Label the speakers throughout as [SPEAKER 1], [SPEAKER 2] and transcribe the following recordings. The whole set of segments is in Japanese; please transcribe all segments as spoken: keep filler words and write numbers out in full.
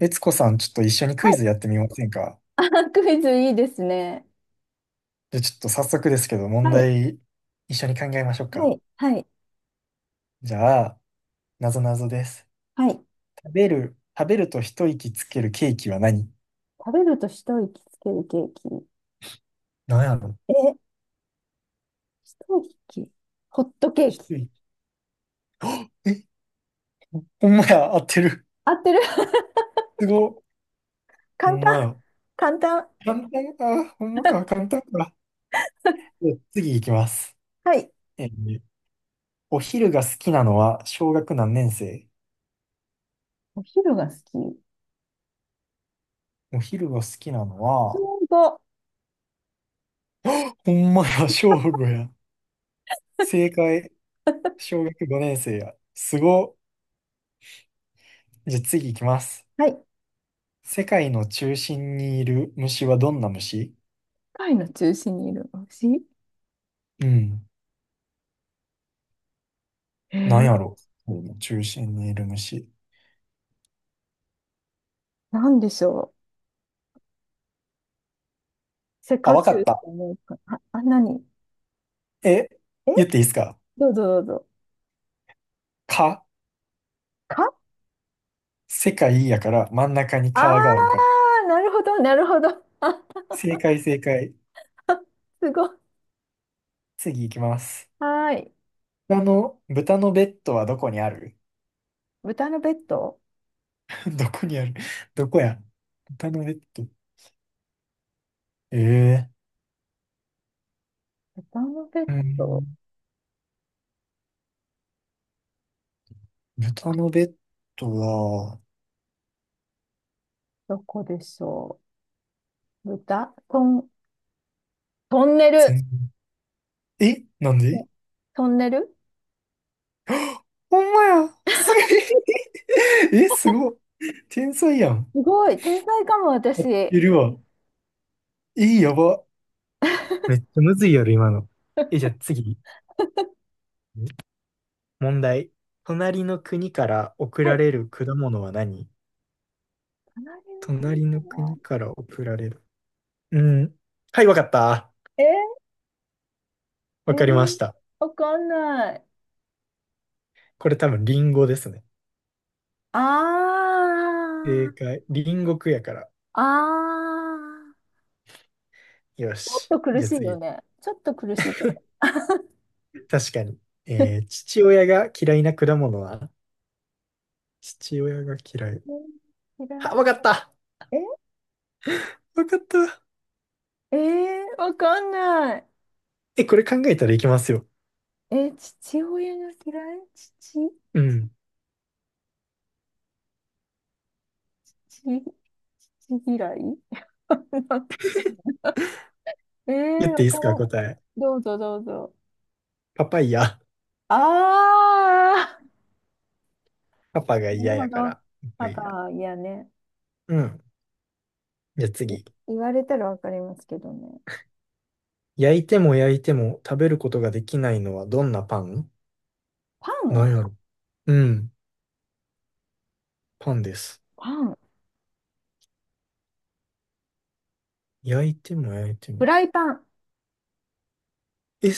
[SPEAKER 1] 悦子さん、ちょっと一緒に
[SPEAKER 2] は
[SPEAKER 1] クイ
[SPEAKER 2] い。
[SPEAKER 1] ズやってみませんか？
[SPEAKER 2] あ、クイズいいですね。
[SPEAKER 1] じゃあちょっと早速ですけど、問
[SPEAKER 2] はい。
[SPEAKER 1] 題、一緒に考えましょう
[SPEAKER 2] は
[SPEAKER 1] か。
[SPEAKER 2] い。はい。
[SPEAKER 1] じゃあ、なぞなぞです。
[SPEAKER 2] はい。
[SPEAKER 1] 食べる、食べると一息つけるケーキは何？
[SPEAKER 2] 食べると一息つけるケーキ。
[SPEAKER 1] 何やろ？
[SPEAKER 2] え、一息、ホットケ
[SPEAKER 1] 一
[SPEAKER 2] ーキ。
[SPEAKER 1] 息。あえ、ほんまや、合ってる。
[SPEAKER 2] 合ってる。
[SPEAKER 1] すごっ。ほ
[SPEAKER 2] 簡
[SPEAKER 1] んま
[SPEAKER 2] 単。
[SPEAKER 1] や。
[SPEAKER 2] 簡単。
[SPEAKER 1] 簡単か。ほんまか、簡単か。じゃあ次いきます。
[SPEAKER 2] はい。
[SPEAKER 1] えーお昼が好きなのは小学何年生？
[SPEAKER 2] お昼が好き。
[SPEAKER 1] お昼が好きなのは、
[SPEAKER 2] 本当。
[SPEAKER 1] あ、ほんまや、小五や。正解。小学ごねん生や。すご。じゃあ次行きます。
[SPEAKER 2] はい。世
[SPEAKER 1] 世界の中心にいる虫はどんな虫？
[SPEAKER 2] 界の中心にいる牛。
[SPEAKER 1] うん。
[SPEAKER 2] え
[SPEAKER 1] なん
[SPEAKER 2] ー、
[SPEAKER 1] やろ、世界の中心にいる虫。
[SPEAKER 2] なんでしょう。セ
[SPEAKER 1] あ、
[SPEAKER 2] カ
[SPEAKER 1] わ
[SPEAKER 2] チ
[SPEAKER 1] か
[SPEAKER 2] ュウっ
[SPEAKER 1] っ
[SPEAKER 2] て
[SPEAKER 1] た。
[SPEAKER 2] 思うか。あ、あ、何
[SPEAKER 1] え、
[SPEAKER 2] え、
[SPEAKER 1] 言っていいですか？
[SPEAKER 2] どうぞどうぞ。
[SPEAKER 1] 蚊。
[SPEAKER 2] か、
[SPEAKER 1] 世界やから真ん中に
[SPEAKER 2] ああ
[SPEAKER 1] 蚊があるから。
[SPEAKER 2] ー、なるほど、なるほど。あ、
[SPEAKER 1] 正解正解。
[SPEAKER 2] すごい。
[SPEAKER 1] 次行きます。
[SPEAKER 2] はーい。
[SPEAKER 1] 豚の、豚のベッドはどこにある？
[SPEAKER 2] 豚のベッド、
[SPEAKER 1] どこにある？どこや？豚のベッド。ええ
[SPEAKER 2] 豚のベッ
[SPEAKER 1] ー。う
[SPEAKER 2] ド、
[SPEAKER 1] ん。豚のベッドは、
[SPEAKER 2] どこでしょう、豚、トン、トンネル。
[SPEAKER 1] 全、え、なんで？
[SPEAKER 2] トンネル。
[SPEAKER 1] ほんまや。すごい。え、すごっ。天才やん。
[SPEAKER 2] すごい、天才かも、私。
[SPEAKER 1] やっ
[SPEAKER 2] は
[SPEAKER 1] てるわ。え、やば。めっちゃむずいやろ、今の。え、じゃあ次。問題。隣の国から送ら
[SPEAKER 2] い。
[SPEAKER 1] れる果物は何？
[SPEAKER 2] カナリア国
[SPEAKER 1] 隣の
[SPEAKER 2] かな。
[SPEAKER 1] 国から送られる。うん。はい、わかった。
[SPEAKER 2] ええ
[SPEAKER 1] わかりまし
[SPEAKER 2] ー、
[SPEAKER 1] た。
[SPEAKER 2] わかんない。
[SPEAKER 1] これ多分リンゴですね。
[SPEAKER 2] あ
[SPEAKER 1] 正
[SPEAKER 2] ー、
[SPEAKER 1] 解。リンゴ区やから。
[SPEAKER 2] あー。
[SPEAKER 1] よ
[SPEAKER 2] ちょっ
[SPEAKER 1] し。
[SPEAKER 2] と苦
[SPEAKER 1] じゃあ
[SPEAKER 2] しいよ
[SPEAKER 1] 次。
[SPEAKER 2] ね。ちょっと苦しいと思
[SPEAKER 1] 確かに。えー、父親が嫌いな果物は？父親が嫌い。
[SPEAKER 2] う。嫌
[SPEAKER 1] あ、
[SPEAKER 2] い、
[SPEAKER 1] わかった。わかった。
[SPEAKER 2] ええー、わかんない。
[SPEAKER 1] え、これ考えたらいきますよ。
[SPEAKER 2] え、父親が嫌い、父、
[SPEAKER 1] うん。
[SPEAKER 2] 父、父嫌い。 ええ
[SPEAKER 1] 言
[SPEAKER 2] ー、
[SPEAKER 1] って
[SPEAKER 2] わ
[SPEAKER 1] いいで
[SPEAKER 2] か
[SPEAKER 1] す
[SPEAKER 2] ら
[SPEAKER 1] か、
[SPEAKER 2] ん。
[SPEAKER 1] 答え？
[SPEAKER 2] どうぞどうぞ。
[SPEAKER 1] パパイヤ。
[SPEAKER 2] ああ、
[SPEAKER 1] パパが
[SPEAKER 2] なる
[SPEAKER 1] 嫌
[SPEAKER 2] ほ
[SPEAKER 1] やか
[SPEAKER 2] ど。
[SPEAKER 1] ら。パパ
[SPEAKER 2] パ
[SPEAKER 1] イヤ。
[SPEAKER 2] パ、いやね。
[SPEAKER 1] うん。じゃあ
[SPEAKER 2] い、
[SPEAKER 1] 次。
[SPEAKER 2] 言われたらわかりますけどね。
[SPEAKER 1] 焼いても焼いても食べることができないのはどんなパン？
[SPEAKER 2] パ
[SPEAKER 1] な
[SPEAKER 2] ン、
[SPEAKER 1] んやろ。うん。パンです。
[SPEAKER 2] パン、
[SPEAKER 1] 焼いても焼いて
[SPEAKER 2] フ
[SPEAKER 1] も。
[SPEAKER 2] ライパン。
[SPEAKER 1] え、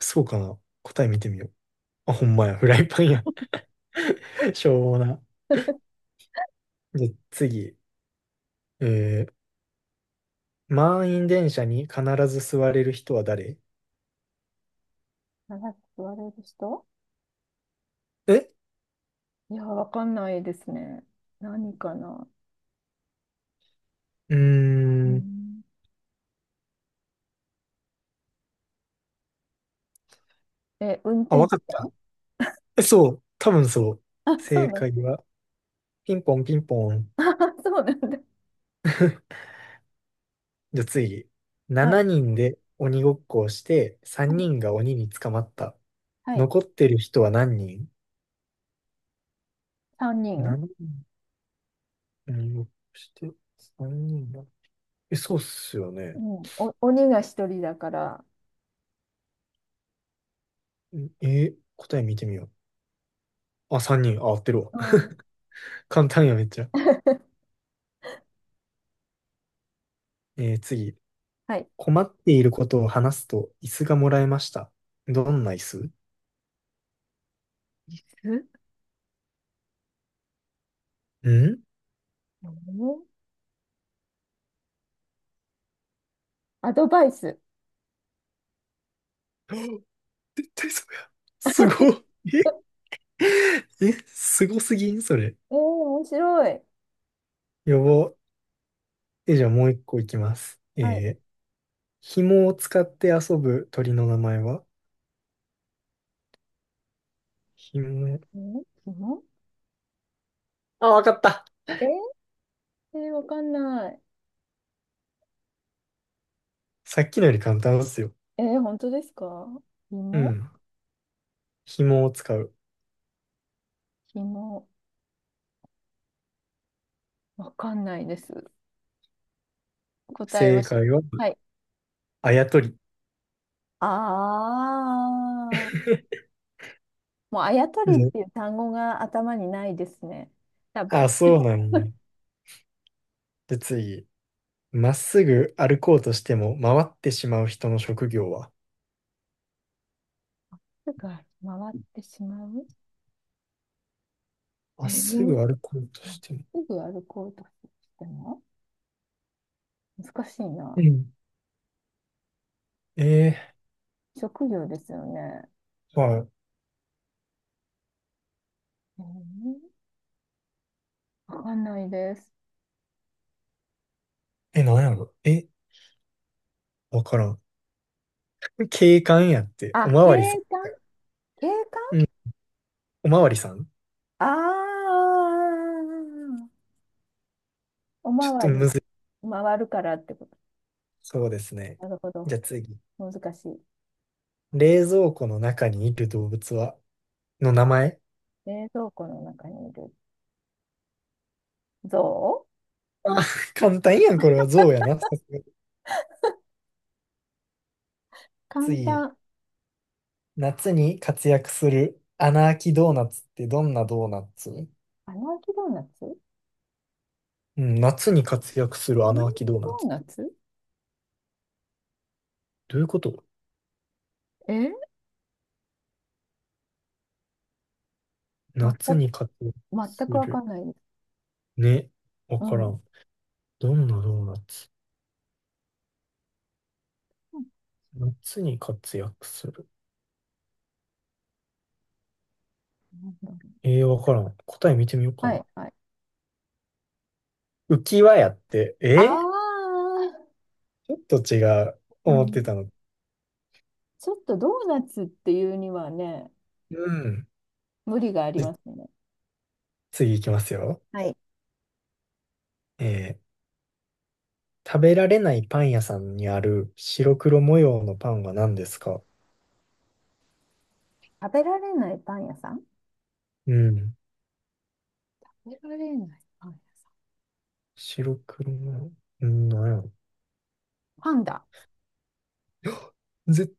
[SPEAKER 1] そうかな。答え見てみよう。あ、ほんまや。フライパンや。しょうもな。じゃあ次。えー、満員電車に必ず座れる人は誰？
[SPEAKER 2] 長く座れる人。
[SPEAKER 1] え
[SPEAKER 2] いや、わかんないですね。何かな。
[SPEAKER 1] うー
[SPEAKER 2] う
[SPEAKER 1] ん。
[SPEAKER 2] ん、え、運
[SPEAKER 1] あ、わ
[SPEAKER 2] 転
[SPEAKER 1] か
[SPEAKER 2] 手
[SPEAKER 1] っ
[SPEAKER 2] さん。
[SPEAKER 1] た。えそう、多分そう。
[SPEAKER 2] あ、そう
[SPEAKER 1] 正
[SPEAKER 2] なん。
[SPEAKER 1] 解は、ピンポンピンポン。
[SPEAKER 2] そうなんだ。
[SPEAKER 1] じゃあ次。7
[SPEAKER 2] はい。
[SPEAKER 1] 人で鬼ごっこをして、
[SPEAKER 2] は
[SPEAKER 1] 3
[SPEAKER 2] い。
[SPEAKER 1] 人が鬼に捕まった。
[SPEAKER 2] はい。
[SPEAKER 1] 残ってる人は何人？
[SPEAKER 2] 3
[SPEAKER 1] しち
[SPEAKER 2] 人
[SPEAKER 1] 人、鬼ごっこして、さんにんが。え、そうっすよ
[SPEAKER 2] う
[SPEAKER 1] ね。
[SPEAKER 2] ん。お、鬼がひとりだから。
[SPEAKER 1] んえー答え見てみよう。あ、さんにん。あ、合ってるわ。
[SPEAKER 2] う ん。
[SPEAKER 1] 簡単や、めっちゃ。えー次。
[SPEAKER 2] はい。
[SPEAKER 1] 困っていることを話すと、椅子がもらえました。どんな椅子？
[SPEAKER 2] 椅
[SPEAKER 1] ん
[SPEAKER 2] 子、アドバイス。
[SPEAKER 1] 絶対そうや。すごい。
[SPEAKER 2] え
[SPEAKER 1] え え、すごすぎんそれ。
[SPEAKER 2] ー、面白い。
[SPEAKER 1] やば。え、じゃあもう一個いきます。
[SPEAKER 2] はい。
[SPEAKER 1] えー、紐を使って遊ぶ鳥の名前は？紐。
[SPEAKER 2] ん、紐。
[SPEAKER 1] あ、わかった。
[SPEAKER 2] えー、えー、わかんない。
[SPEAKER 1] さっきのより簡単ですよ。
[SPEAKER 2] えー、本当ですか。
[SPEAKER 1] う
[SPEAKER 2] 紐、
[SPEAKER 1] ん。紐を使う。
[SPEAKER 2] 紐、わかんないです。答えを
[SPEAKER 1] 正
[SPEAKER 2] し、
[SPEAKER 1] 解は、
[SPEAKER 2] はい。
[SPEAKER 1] あやとり。
[SPEAKER 2] ああ、 もうあやとりっ
[SPEAKER 1] で、
[SPEAKER 2] ていう単語が頭にないですね。多
[SPEAKER 1] あ、
[SPEAKER 2] 分。
[SPEAKER 1] そうなのね。で、次。まっすぐ歩こうとしても回ってしまう人の職業は？
[SPEAKER 2] すぐ回ってしまう。
[SPEAKER 1] ま
[SPEAKER 2] え
[SPEAKER 1] っすぐ
[SPEAKER 2] ー、
[SPEAKER 1] 歩こうとしても。
[SPEAKER 2] すぐ歩こうとしても難しい
[SPEAKER 1] う
[SPEAKER 2] な。
[SPEAKER 1] ん。え
[SPEAKER 2] 職業ですよね。
[SPEAKER 1] ー、はい。
[SPEAKER 2] えー、わかんないです。
[SPEAKER 1] え、なんやろ、え、わからん。警官やって、
[SPEAKER 2] あ、
[SPEAKER 1] おま
[SPEAKER 2] 景
[SPEAKER 1] わりさん
[SPEAKER 2] 観、
[SPEAKER 1] や。
[SPEAKER 2] 景観、
[SPEAKER 1] うん、おまわりさん？
[SPEAKER 2] ああー、お
[SPEAKER 1] ち
[SPEAKER 2] ま
[SPEAKER 1] ょっ
[SPEAKER 2] わ
[SPEAKER 1] と
[SPEAKER 2] り、
[SPEAKER 1] むずい。
[SPEAKER 2] 回るからってこと。
[SPEAKER 1] そうですね。
[SPEAKER 2] なるほ
[SPEAKER 1] じ
[SPEAKER 2] ど。
[SPEAKER 1] ゃあ次。
[SPEAKER 2] 難しい。
[SPEAKER 1] 冷蔵庫の中にいる動物は、の名前？
[SPEAKER 2] 冷蔵庫の中にいる、象。
[SPEAKER 1] あ、簡単やん、これは象やな。さすが。
[SPEAKER 2] 簡
[SPEAKER 1] 次。
[SPEAKER 2] 単。
[SPEAKER 1] 夏に活躍する穴あきドーナツってどんなドーナツ？
[SPEAKER 2] 穴あきドーナツ、穴
[SPEAKER 1] うん、夏に活躍す
[SPEAKER 2] あ
[SPEAKER 1] る穴あきドー
[SPEAKER 2] き
[SPEAKER 1] ナ
[SPEAKER 2] ドー
[SPEAKER 1] ツ。
[SPEAKER 2] ナツ、
[SPEAKER 1] どういうこと？
[SPEAKER 2] え、全
[SPEAKER 1] 夏
[SPEAKER 2] く、
[SPEAKER 1] に活躍
[SPEAKER 2] 全
[SPEAKER 1] す
[SPEAKER 2] くわ
[SPEAKER 1] る。
[SPEAKER 2] かんないです。
[SPEAKER 1] ね。わ
[SPEAKER 2] う
[SPEAKER 1] か
[SPEAKER 2] ん。う
[SPEAKER 1] ら
[SPEAKER 2] ん、
[SPEAKER 1] ん。どんなドーナツ？夏に活躍する。えー、わからん。答え見てみようか
[SPEAKER 2] はい、
[SPEAKER 1] な。
[SPEAKER 2] はい。
[SPEAKER 1] 浮き輪やって、
[SPEAKER 2] あ
[SPEAKER 1] え
[SPEAKER 2] あ、
[SPEAKER 1] ちょっと違う。
[SPEAKER 2] う
[SPEAKER 1] 思って
[SPEAKER 2] ん。
[SPEAKER 1] たの。
[SPEAKER 2] ちょっとドーナツっていうにはね、
[SPEAKER 1] うん。
[SPEAKER 2] 無理があり
[SPEAKER 1] じ
[SPEAKER 2] ますね。
[SPEAKER 1] 次行きますよ。
[SPEAKER 2] はい。
[SPEAKER 1] えー、食べられないパン屋さんにある白黒模様のパンは何ですか？
[SPEAKER 2] 食べられないパン屋さん、
[SPEAKER 1] うん。
[SPEAKER 2] 食べられないパン屋さん。
[SPEAKER 1] 白黒模様。んー、なんやろ。
[SPEAKER 2] パンダ。
[SPEAKER 1] 絶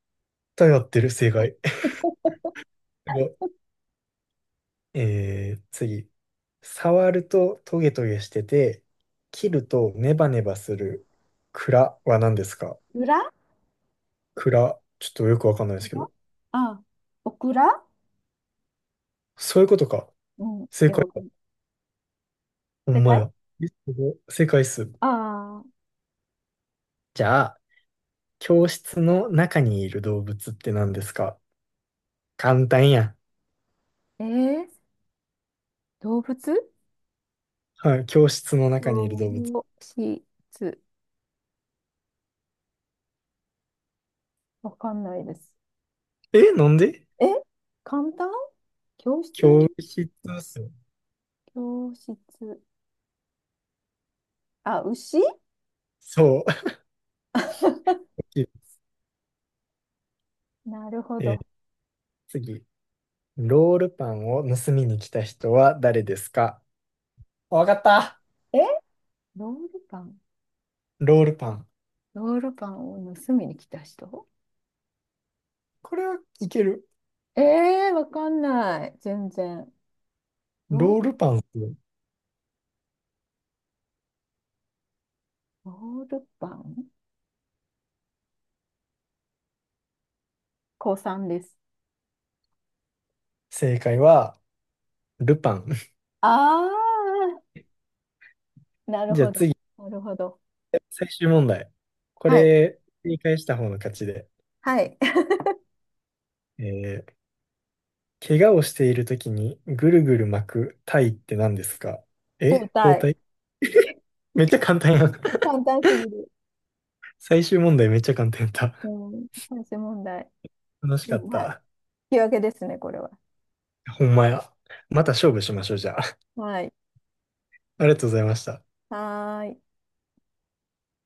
[SPEAKER 1] 対合ってる、正解。
[SPEAKER 2] オ
[SPEAKER 1] すごい。えー、次。触るとトゲトゲしてて、切るとネバネバする蔵は何ですか？
[SPEAKER 2] クラ、
[SPEAKER 1] 蔵。ちょっとよくわかんないですけど。
[SPEAKER 2] ああ、オクラ。
[SPEAKER 1] そういうことか。
[SPEAKER 2] うん。い
[SPEAKER 1] 正
[SPEAKER 2] や、
[SPEAKER 1] 解。
[SPEAKER 2] わかんない。
[SPEAKER 1] ほ
[SPEAKER 2] 正
[SPEAKER 1] んま
[SPEAKER 2] 解。
[SPEAKER 1] や。えすごい世界っす。
[SPEAKER 2] あ
[SPEAKER 1] じゃあ、教室の中にいる動物って何ですか？簡単や。
[SPEAKER 2] あー、えー、動物ー、
[SPEAKER 1] はい、教室の中にいる
[SPEAKER 2] ど
[SPEAKER 1] 動物。
[SPEAKER 2] うしつ。わかんないです。
[SPEAKER 1] え、なんで？
[SPEAKER 2] え、簡単、教室、
[SPEAKER 1] 教室っすよ。
[SPEAKER 2] 教室。あ、牛。
[SPEAKER 1] そう。
[SPEAKER 2] なるほ
[SPEAKER 1] えー
[SPEAKER 2] ど。
[SPEAKER 1] 次。ロールパンを盗みに来た人は誰ですか？わかった。
[SPEAKER 2] え、ロールパン。
[SPEAKER 1] ロールパン。
[SPEAKER 2] ロールパンを盗みに来た人。
[SPEAKER 1] これはいける。
[SPEAKER 2] えー、わかんない。全然。ロー
[SPEAKER 1] ロー
[SPEAKER 2] ル、
[SPEAKER 1] ルパンっすよ。
[SPEAKER 2] ロールパン、高さんです。
[SPEAKER 1] 正解は、ルパン。
[SPEAKER 2] ああ、なる
[SPEAKER 1] じゃあ
[SPEAKER 2] ほど。
[SPEAKER 1] 次、
[SPEAKER 2] なるほど。
[SPEAKER 1] 最終問題。こ
[SPEAKER 2] はい。
[SPEAKER 1] れ、正解した方の勝ちで。
[SPEAKER 2] はい。
[SPEAKER 1] えー怪我をしているときにぐるぐる巻く体って何ですか？
[SPEAKER 2] 交
[SPEAKER 1] え包
[SPEAKER 2] 代。
[SPEAKER 1] 帯。 めっちゃ簡単やん。
[SPEAKER 2] 簡単すぎる。
[SPEAKER 1] 最終問題めっちゃ簡単やった。
[SPEAKER 2] うん。最終問題。
[SPEAKER 1] 楽し
[SPEAKER 2] う
[SPEAKER 1] かっ
[SPEAKER 2] ん、はい。
[SPEAKER 1] た。
[SPEAKER 2] 引き分けですね、これは。
[SPEAKER 1] ほんまや。また勝負しましょう、じゃあ。
[SPEAKER 2] はい。
[SPEAKER 1] ありがとうございました。
[SPEAKER 2] はーい。